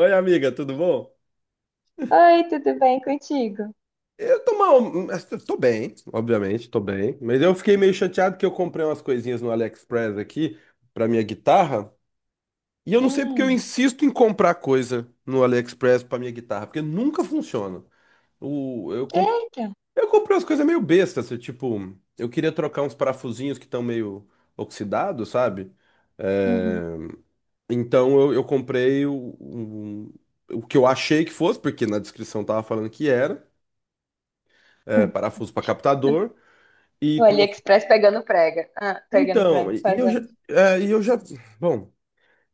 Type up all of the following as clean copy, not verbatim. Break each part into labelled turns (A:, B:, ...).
A: Oi, amiga, tudo bom?
B: Oi, tudo bem contigo?
A: Eu tô mal, mas eu tô bem, obviamente, tô bem. Mas eu fiquei meio chateado que eu comprei umas coisinhas no AliExpress aqui pra minha guitarra. E eu não sei porque eu
B: Hum.
A: insisto em comprar coisa no AliExpress pra minha guitarra, porque nunca funciona. O, eu, com-
B: eita.
A: eu comprei umas coisas meio bestas, assim, tipo, eu queria trocar uns parafusinhos que estão meio oxidados, sabe? É,
B: Uhum.
A: então eu comprei o, o que eu achei que fosse, porque na descrição tava falando que era. É, parafuso para captador. E
B: O
A: quando eu...
B: AliExpress pegando prega. Ah, pegando
A: Então,
B: prega,
A: e eu já,
B: fazendo.
A: é, e eu já, bom,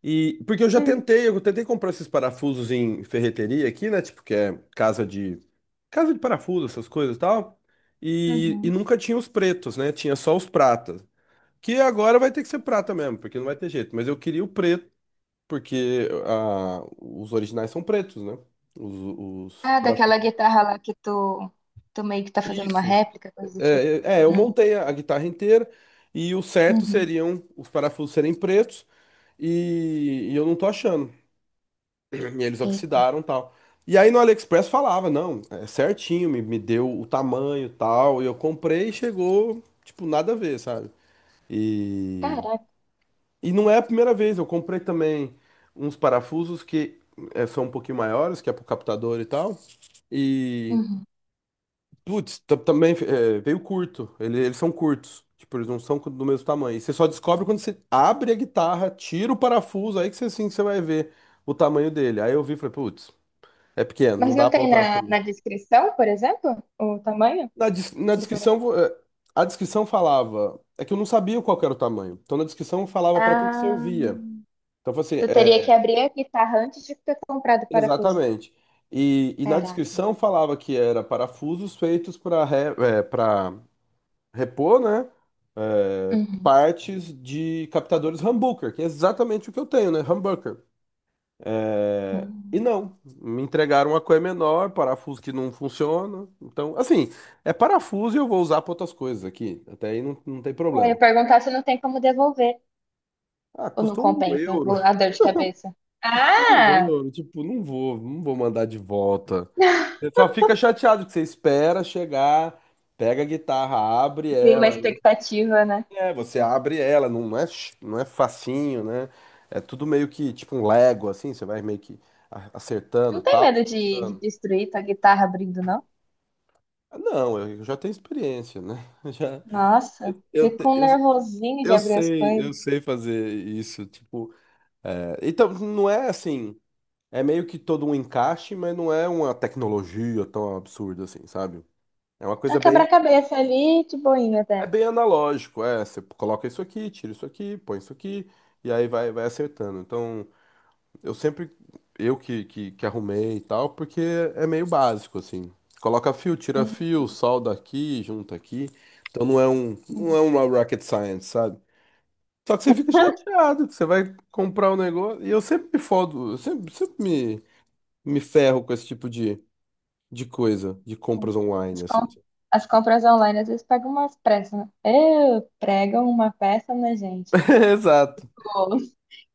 A: e porque eu já
B: Uhum.
A: tentei, eu tentei comprar esses parafusos em ferreteria aqui, né? Tipo que é casa de parafuso, essas coisas e tal. E
B: Uhum.
A: nunca tinha os pretos, né? Tinha só os pratas. Que agora vai ter que ser prata mesmo, porque não vai ter jeito. Mas eu queria o preto, porque ah, os originais são pretos, né? Os, os
B: Ah, daquela
A: parafusos.
B: guitarra lá que tu meio que tá fazendo uma
A: Isso.
B: réplica, coisa do tipo.
A: Eu
B: Hum.
A: montei a guitarra inteira e o certo
B: Uhum.
A: seriam os parafusos serem pretos e eu não tô achando. E eles
B: Eita.
A: oxidaram e tal. E aí no AliExpress falava, não, é certinho, me deu o tamanho e tal. E eu comprei e chegou, tipo, nada a ver, sabe? E,
B: Caraca.
A: e não é a primeira vez, eu comprei também uns parafusos que é, são um pouquinho maiores, que é pro captador e tal.
B: Uhum.
A: Putz, também é, veio curto. Eles são curtos. Tipo, eles não são do mesmo tamanho. E você só descobre quando você abre a guitarra, tira o parafuso, aí que você, assim, que você vai ver o tamanho dele. Aí eu vi e falei, putz, é pequeno,
B: Mas
A: não
B: não
A: dá pra
B: tem
A: usar
B: na,
A: também.
B: na descrição, por exemplo, o tamanho
A: Na
B: do
A: descrição,
B: parafuso?
A: a descrição falava. É que eu não sabia qual que era o tamanho. Então na descrição falava pra que que
B: Ah,
A: servia. Então eu falei
B: tu
A: assim,
B: teria que
A: é,
B: abrir a guitarra antes de ter comprado o parafuso.
A: exatamente. E na
B: Caraca.
A: descrição falava que era parafusos feitos para repor, né? É,
B: Uhum.
A: partes de captadores humbucker, que é exatamente o que eu tenho, né? Humbucker. É, e
B: Uhum.
A: não, me entregaram uma coisa menor, parafuso que não funciona. Então, assim, é parafuso e eu vou usar para outras coisas aqui. Até aí não, não tem
B: É, eu ia
A: problema. Tipo,
B: perguntar se não tem como devolver,
A: ah,
B: ou não
A: custou um
B: compensa,
A: euro.
B: o a dor de cabeça.
A: Um
B: Ah!
A: euro. Tipo, não vou mandar de volta. Você só fica chateado que você espera chegar, pega a guitarra, abre
B: Cria uma
A: ela.
B: expectativa, né?
A: É, você abre ela, não é, não é facinho, né? É tudo meio que tipo um Lego, assim, você vai meio que acertando,
B: Não tem
A: tal.
B: medo de destruir tua guitarra abrindo, não?
A: Ah, não, eu já tenho experiência, né? Já,
B: Nossa,
A: eu, te-
B: fico um
A: eu,
B: nervosinho de abrir as coisas.
A: eu sei fazer isso, tipo. É, então, não é assim, é meio que todo um encaixe, mas não é uma tecnologia tão absurda assim, sabe? É uma
B: É um
A: coisa bem,
B: quebra-cabeça ali, de boinha
A: é
B: até.
A: bem analógico, é, você coloca isso aqui, tira isso aqui, põe isso aqui, e aí vai, vai acertando. Então. Eu sempre, eu que arrumei e tal, porque é meio básico, assim. Coloca fio, tira
B: Hum,
A: fio, solda aqui, junta aqui. Então não
B: hum.
A: é uma rocket science, sabe? Só que você fica chateado, que você vai comprar o negócio. E eu sempre me fodo, eu sempre, sempre me, me ferro com esse tipo de coisa, de compras
B: As,
A: online, assim.
B: com- as compras online às vezes pegam umas pressas, né? Pregam uma peça, né, gente?
A: Exato.
B: Pô.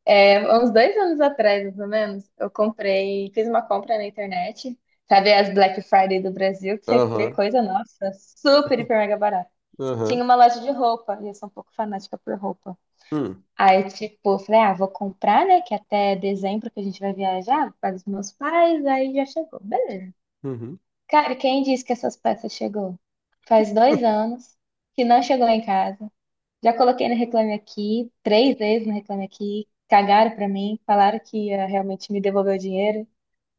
B: É, há uns 2 anos atrás, mais ou menos, eu comprei, fiz uma compra na internet, sabe as Black Friday do Brasil, que você vê
A: Aham,
B: coisa, nossa, super, hiper, mega barata.
A: aham.
B: Tinha uma loja de roupa, e eu sou um pouco fanática por roupa.
A: Hum,
B: Aí, tipo, eu falei, ah, vou comprar, né, que até dezembro que a gente vai viajar, para os meus pais, aí já chegou, beleza.
A: uhum.
B: Cara, quem disse que essas peças chegou? Faz 2 anos que não chegou em casa. Já coloquei no Reclame Aqui, três vezes no Reclame Aqui, cagaram pra mim, falaram que ia realmente me devolver o dinheiro,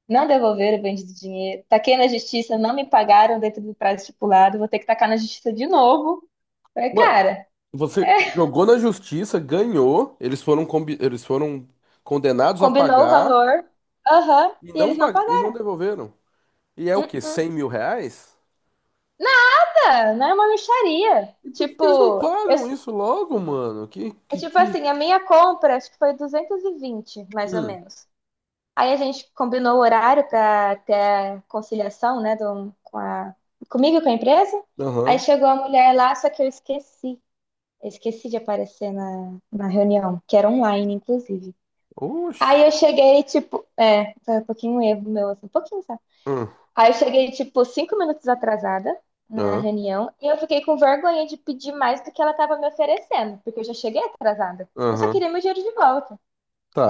B: não devolveram o bendito dinheiro, taquei na justiça, não me pagaram dentro do prazo estipulado, vou ter que tacar na justiça de novo. Falei,
A: Ué,
B: cara,
A: você jogou na justiça, ganhou, eles foram, eles foram condenados a
B: combinou o
A: pagar
B: valor, aham,
A: e
B: e
A: não,
B: eles não
A: e não
B: pagaram.
A: devolveram. E é o
B: Hum,
A: quê?
B: hum.
A: R$ 100 mil?
B: Nada, não é uma mixaria.
A: E por que que eles não
B: Tipo, eu,
A: pagam isso logo, mano?
B: é tipo assim, a minha compra acho que foi 220 mais ou
A: Hum,
B: menos. Aí a gente combinou o horário para ter a conciliação, né, comigo e com a empresa. Aí
A: aham.
B: chegou a mulher lá, só que eu esqueci. Eu esqueci de aparecer na reunião, que era online, inclusive. Aí eu
A: Oxi.
B: cheguei, tipo, é, foi um pouquinho um erro meu, assim, um pouquinho, sabe?
A: Hum,
B: Aí eu cheguei, tipo, 5 minutos atrasada na
A: aham,
B: reunião e eu fiquei com vergonha de pedir mais do que ela estava me oferecendo, porque eu já cheguei atrasada. Eu só
A: aham,
B: queria meu dinheiro de volta.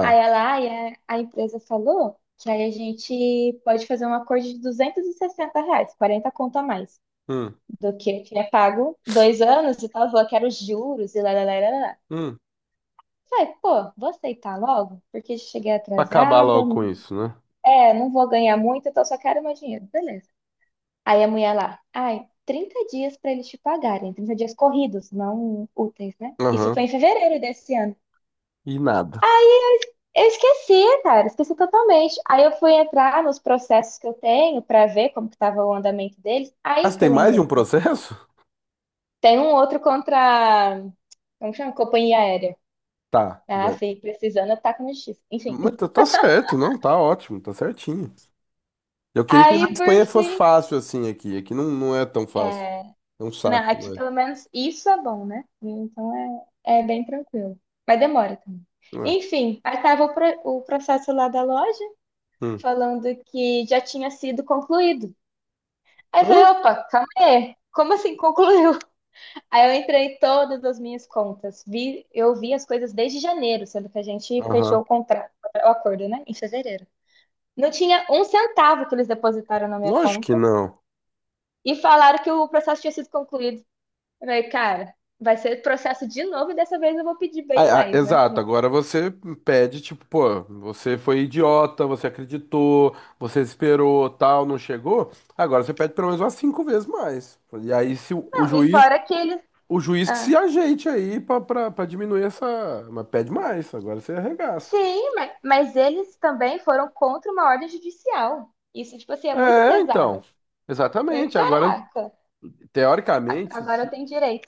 B: Aí a empresa falou que aí a gente pode fazer um acordo de R$ 260, 40 conto a mais,
A: Hum,
B: do que é pago 2 anos e tal, falou que era os juros e lá, lá, lá, lá, lá.
A: hum.
B: Falei, pô, vou aceitar logo, porque cheguei
A: Pra acabar
B: atrasada,
A: logo com isso, né?
B: é, não vou ganhar muito, então só quero meu dinheiro, beleza. Aí a mulher lá, ai, 30 dias para eles te pagarem, 30 dias corridos, não úteis, né? Isso foi
A: Aham.
B: em fevereiro desse ano.
A: E nada.
B: Eu esqueci, cara, esqueci totalmente. Aí eu fui entrar nos processos que eu tenho para ver como que estava o andamento deles.
A: Ah,
B: Aí
A: você
B: que eu
A: tem mais de um
B: lembrei, né?
A: processo?
B: Tem um outro contra, como chama? Companhia aérea.
A: Tá.
B: Ah,
A: Da-
B: sim, precisando, tá com justiça. Enfim.
A: Mas tá tá certo, não, tá ótimo, tá certinho. Eu queria que na
B: Aí, por
A: Espanha fosse
B: fim,
A: fácil assim aqui. Aqui não, não é tão fácil.
B: é,
A: É um
B: não,
A: saco,
B: aqui
A: não é?
B: pelo menos isso é bom, né? Então é, bem tranquilo. Mas demora também.
A: Não é.
B: Enfim, aí estava o processo lá da loja
A: Hum.
B: falando que já tinha sido concluído. Aí eu falei,
A: Hã?
B: opa, calma aí. Como assim concluiu? Aí eu entrei em todas as minhas contas. Eu vi as coisas desde janeiro, sendo que a gente fechou
A: Aham.
B: o contrato, o acordo, né? Em fevereiro. Não tinha um centavo que eles depositaram na minha
A: Lógico que
B: conta
A: não.
B: e falaram que o processo tinha sido concluído. Eu falei, cara, vai ser processo de novo e dessa vez eu vou pedir bem
A: Ah, ah,
B: mais, né?
A: exato, agora você pede, tipo, pô, você foi idiota, você acreditou, você esperou, tal, não chegou. Agora você pede pelo menos umas cinco vezes mais. E aí se o,
B: Não, e fora que eles.
A: o juiz que se
B: Ah,
A: ajeite aí pra, pra, pra diminuir essa. Mas pede mais, agora você arregaça.
B: sim, mas eles também foram contra uma ordem judicial. Isso, tipo assim, é muito
A: É,
B: pesado.
A: então.
B: Eu falei,
A: Exatamente. Agora,
B: caraca,
A: teoricamente,
B: agora eu
A: se
B: tenho direito.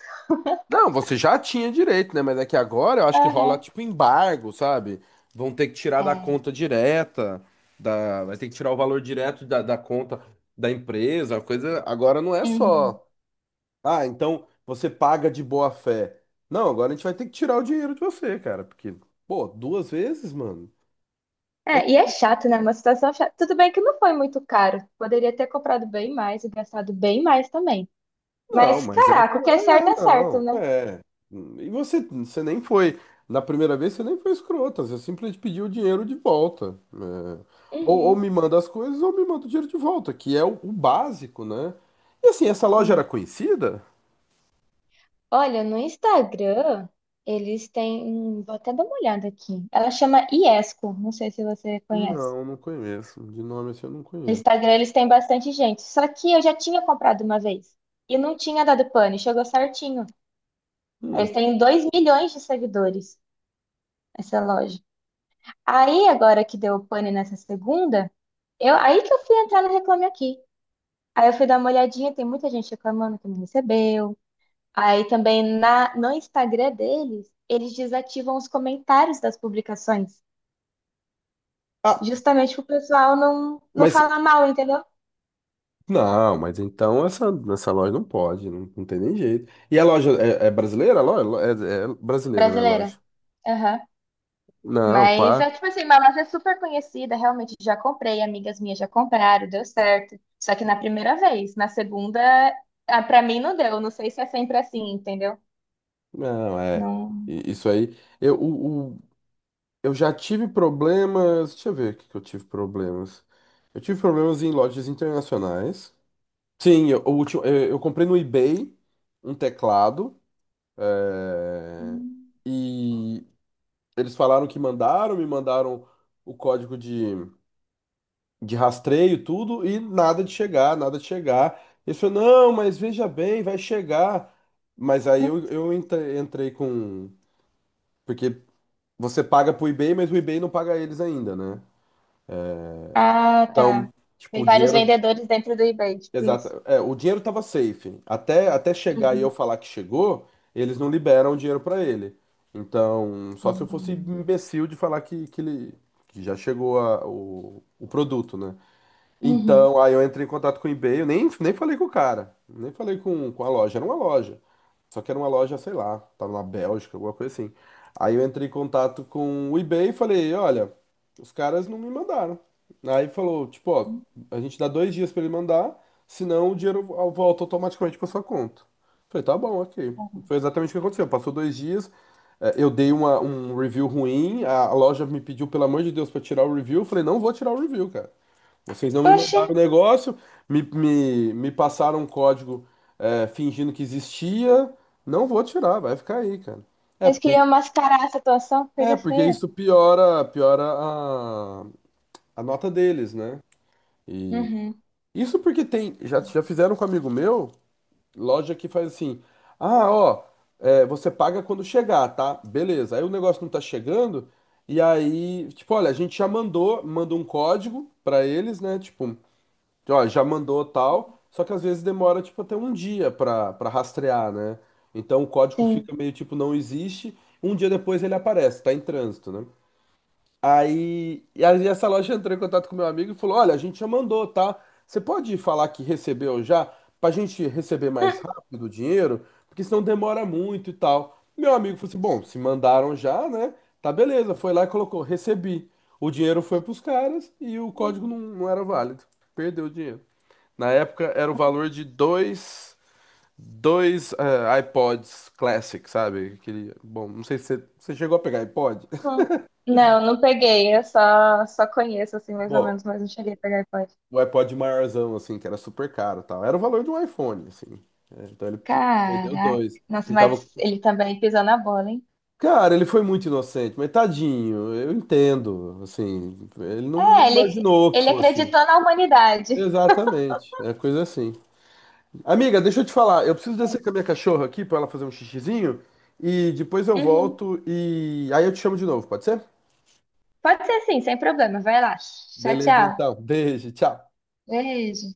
A: não, você já tinha direito, né? Mas é que agora eu acho que rola
B: Aham.
A: tipo embargo, sabe? Vão ter que tirar da
B: É.
A: conta direta, da... vai ter que tirar o valor direto da, da conta da empresa. A coisa agora não é
B: Uhum.
A: só, ah, então você paga de boa fé. Não, agora a gente vai ter que tirar o dinheiro de você, cara, porque, pô, duas vezes, mano. É
B: É, e
A: que
B: é chato, né? Uma situação chata. Tudo bem que não foi muito caro. Poderia ter comprado bem mais e gastado bem mais também.
A: não,
B: Mas,
A: mas é,
B: caraca, o que
A: é,
B: é certo,
A: não,
B: né?
A: é. E você, você nem foi, na primeira vez você nem foi escrota, você simplesmente pediu o dinheiro de volta, né? Ou
B: Uhum,
A: me manda as coisas ou me manda o dinheiro de volta, que é o básico, né? E assim, essa loja era
B: sim.
A: conhecida?
B: Olha, no Instagram, eles têm. Vou até dar uma olhada aqui. Ela chama Iesco, não sei se você conhece.
A: Não, não conheço. De nome assim eu não
B: No
A: conheço.
B: Instagram, eles têm bastante gente. Só que eu já tinha comprado uma vez. E não tinha dado pane, chegou certinho.
A: Hum.
B: Eles têm 2 milhões de seguidores, essa loja. Aí, agora que deu pane nessa segunda, aí que eu fui entrar no Reclame Aqui. Aí eu fui dar uma olhadinha, tem muita gente reclamando que não recebeu. Aí também no Instagram deles, eles desativam os comentários das publicações,
A: Ah,
B: justamente pro pessoal não
A: mas,
B: falar mal, entendeu?
A: não, mas então essa loja não pode, não, não tem nem jeito. E a loja é, é brasileira? A loja? É, é brasileira, né, a loja?
B: Brasileira. Aham.
A: Não,
B: Mas
A: pá.
B: é tipo assim, Mamas é super conhecida, realmente já comprei, amigas minhas já compraram, deu certo. Só que na primeira vez, na segunda, ah, pra mim não deu, não sei se é sempre assim, entendeu?
A: Não, é.
B: Não.
A: I- Isso aí. Eu, eu já tive problemas. Deixa eu ver o que que eu tive problemas. Eu tive problemas em lojas internacionais. Sim, eu, o último, eu comprei no eBay um teclado. É, e eles falaram que mandaram, me mandaram o código de rastreio, tudo, e nada de chegar, nada de chegar. Eles falaram, não, mas veja bem, vai chegar. Mas aí eu, entrei com. Porque você paga pro eBay, mas o eBay não paga eles ainda, né?
B: Ah, tá.
A: Então, tipo,
B: Tem
A: o
B: vários
A: dinheiro.
B: vendedores dentro do eBay, tipo isso.
A: Exato. É, o dinheiro tava safe. Até, até chegar e
B: Uhum.
A: eu falar que chegou, eles não liberam o dinheiro pra ele. Então, só se eu fosse
B: Hum.
A: imbecil de falar que ele que já chegou o produto, né?
B: Uhum.
A: Então, aí eu entrei em contato com o eBay, eu nem, nem falei com o cara, nem falei com a loja, era uma loja. Só que era uma loja, sei lá, tava na Bélgica, alguma coisa assim. Aí eu entrei em contato com o eBay e falei, olha, os caras não me mandaram. Aí falou, tipo, ó, a gente dá 2 dias pra ele mandar, senão o dinheiro volta automaticamente pra sua conta. Falei, tá bom, ok. Foi exatamente o que aconteceu. Passou 2 dias, eh, eu dei uma, um review ruim, a loja me pediu, pelo amor de Deus, pra tirar o review. Eu falei, não vou tirar o review, cara. Vocês não me
B: Oxe,
A: mandaram o negócio, me passaram um código é, fingindo que existia. Não vou tirar, vai ficar aí, cara. É
B: eles
A: porque,
B: queriam mascarar a situação,
A: é
B: coisa
A: porque
B: feia.
A: isso piora, piora a nota deles, né?
B: Uhum.
A: Isso porque tem. Já, já fizeram com um amigo meu, loja que faz assim. Ah, ó, é, você paga quando chegar, tá? Beleza. Aí o negócio não tá chegando. E aí, tipo, olha, a gente já mandou, manda um código pra eles, né? Tipo. Ó, já mandou tal, só que às vezes demora tipo até um dia pra para rastrear, né? Então o código
B: Sim.
A: fica meio tipo não existe, um dia depois ele aparece, tá em trânsito, né? Aí, e aí essa loja entrou em contato com meu amigo e falou: "Olha, a gente já mandou, tá? Você pode falar que recebeu já pra gente receber mais rápido o dinheiro, porque senão demora muito e tal". Meu amigo falou assim: "Bom, se mandaram já, né? Tá beleza". Foi lá e colocou: "Recebi". O dinheiro foi pros caras e o código não, não era válido. Perdeu o dinheiro. Na época era o valor de dois eh, iPods Classic, sabe? Aquele, bom, não sei se você, você chegou a pegar iPod.
B: Hum. Não, não peguei. Eu só conheço, assim, mais ou
A: Bom,
B: menos, mas não cheguei a pegar iPod.
A: o iPod maiorzão, assim, que era super caro e tal. Era o valor de um iPhone, assim. É, então ele perdeu
B: Caraca.
A: dois.
B: Nossa,
A: Ele tava...
B: mas ele também pisou na bola, hein?
A: Cara, ele foi muito inocente, mas tadinho, eu entendo, assim. Ele não
B: É, ele,
A: imaginou que
B: ele
A: fosse.
B: acreditou na humanidade.
A: Exatamente, é coisa assim. Amiga, deixa eu te falar. Eu preciso
B: É.
A: descer com a minha cachorra aqui pra ela fazer um xixizinho e depois eu
B: Uhum.
A: volto e aí eu te chamo de novo, pode ser?
B: Pode ser assim, sem problema. Vai lá. Tchau,
A: Beleza,
B: tchau.
A: então. Beijo, tchau.
B: Beijo.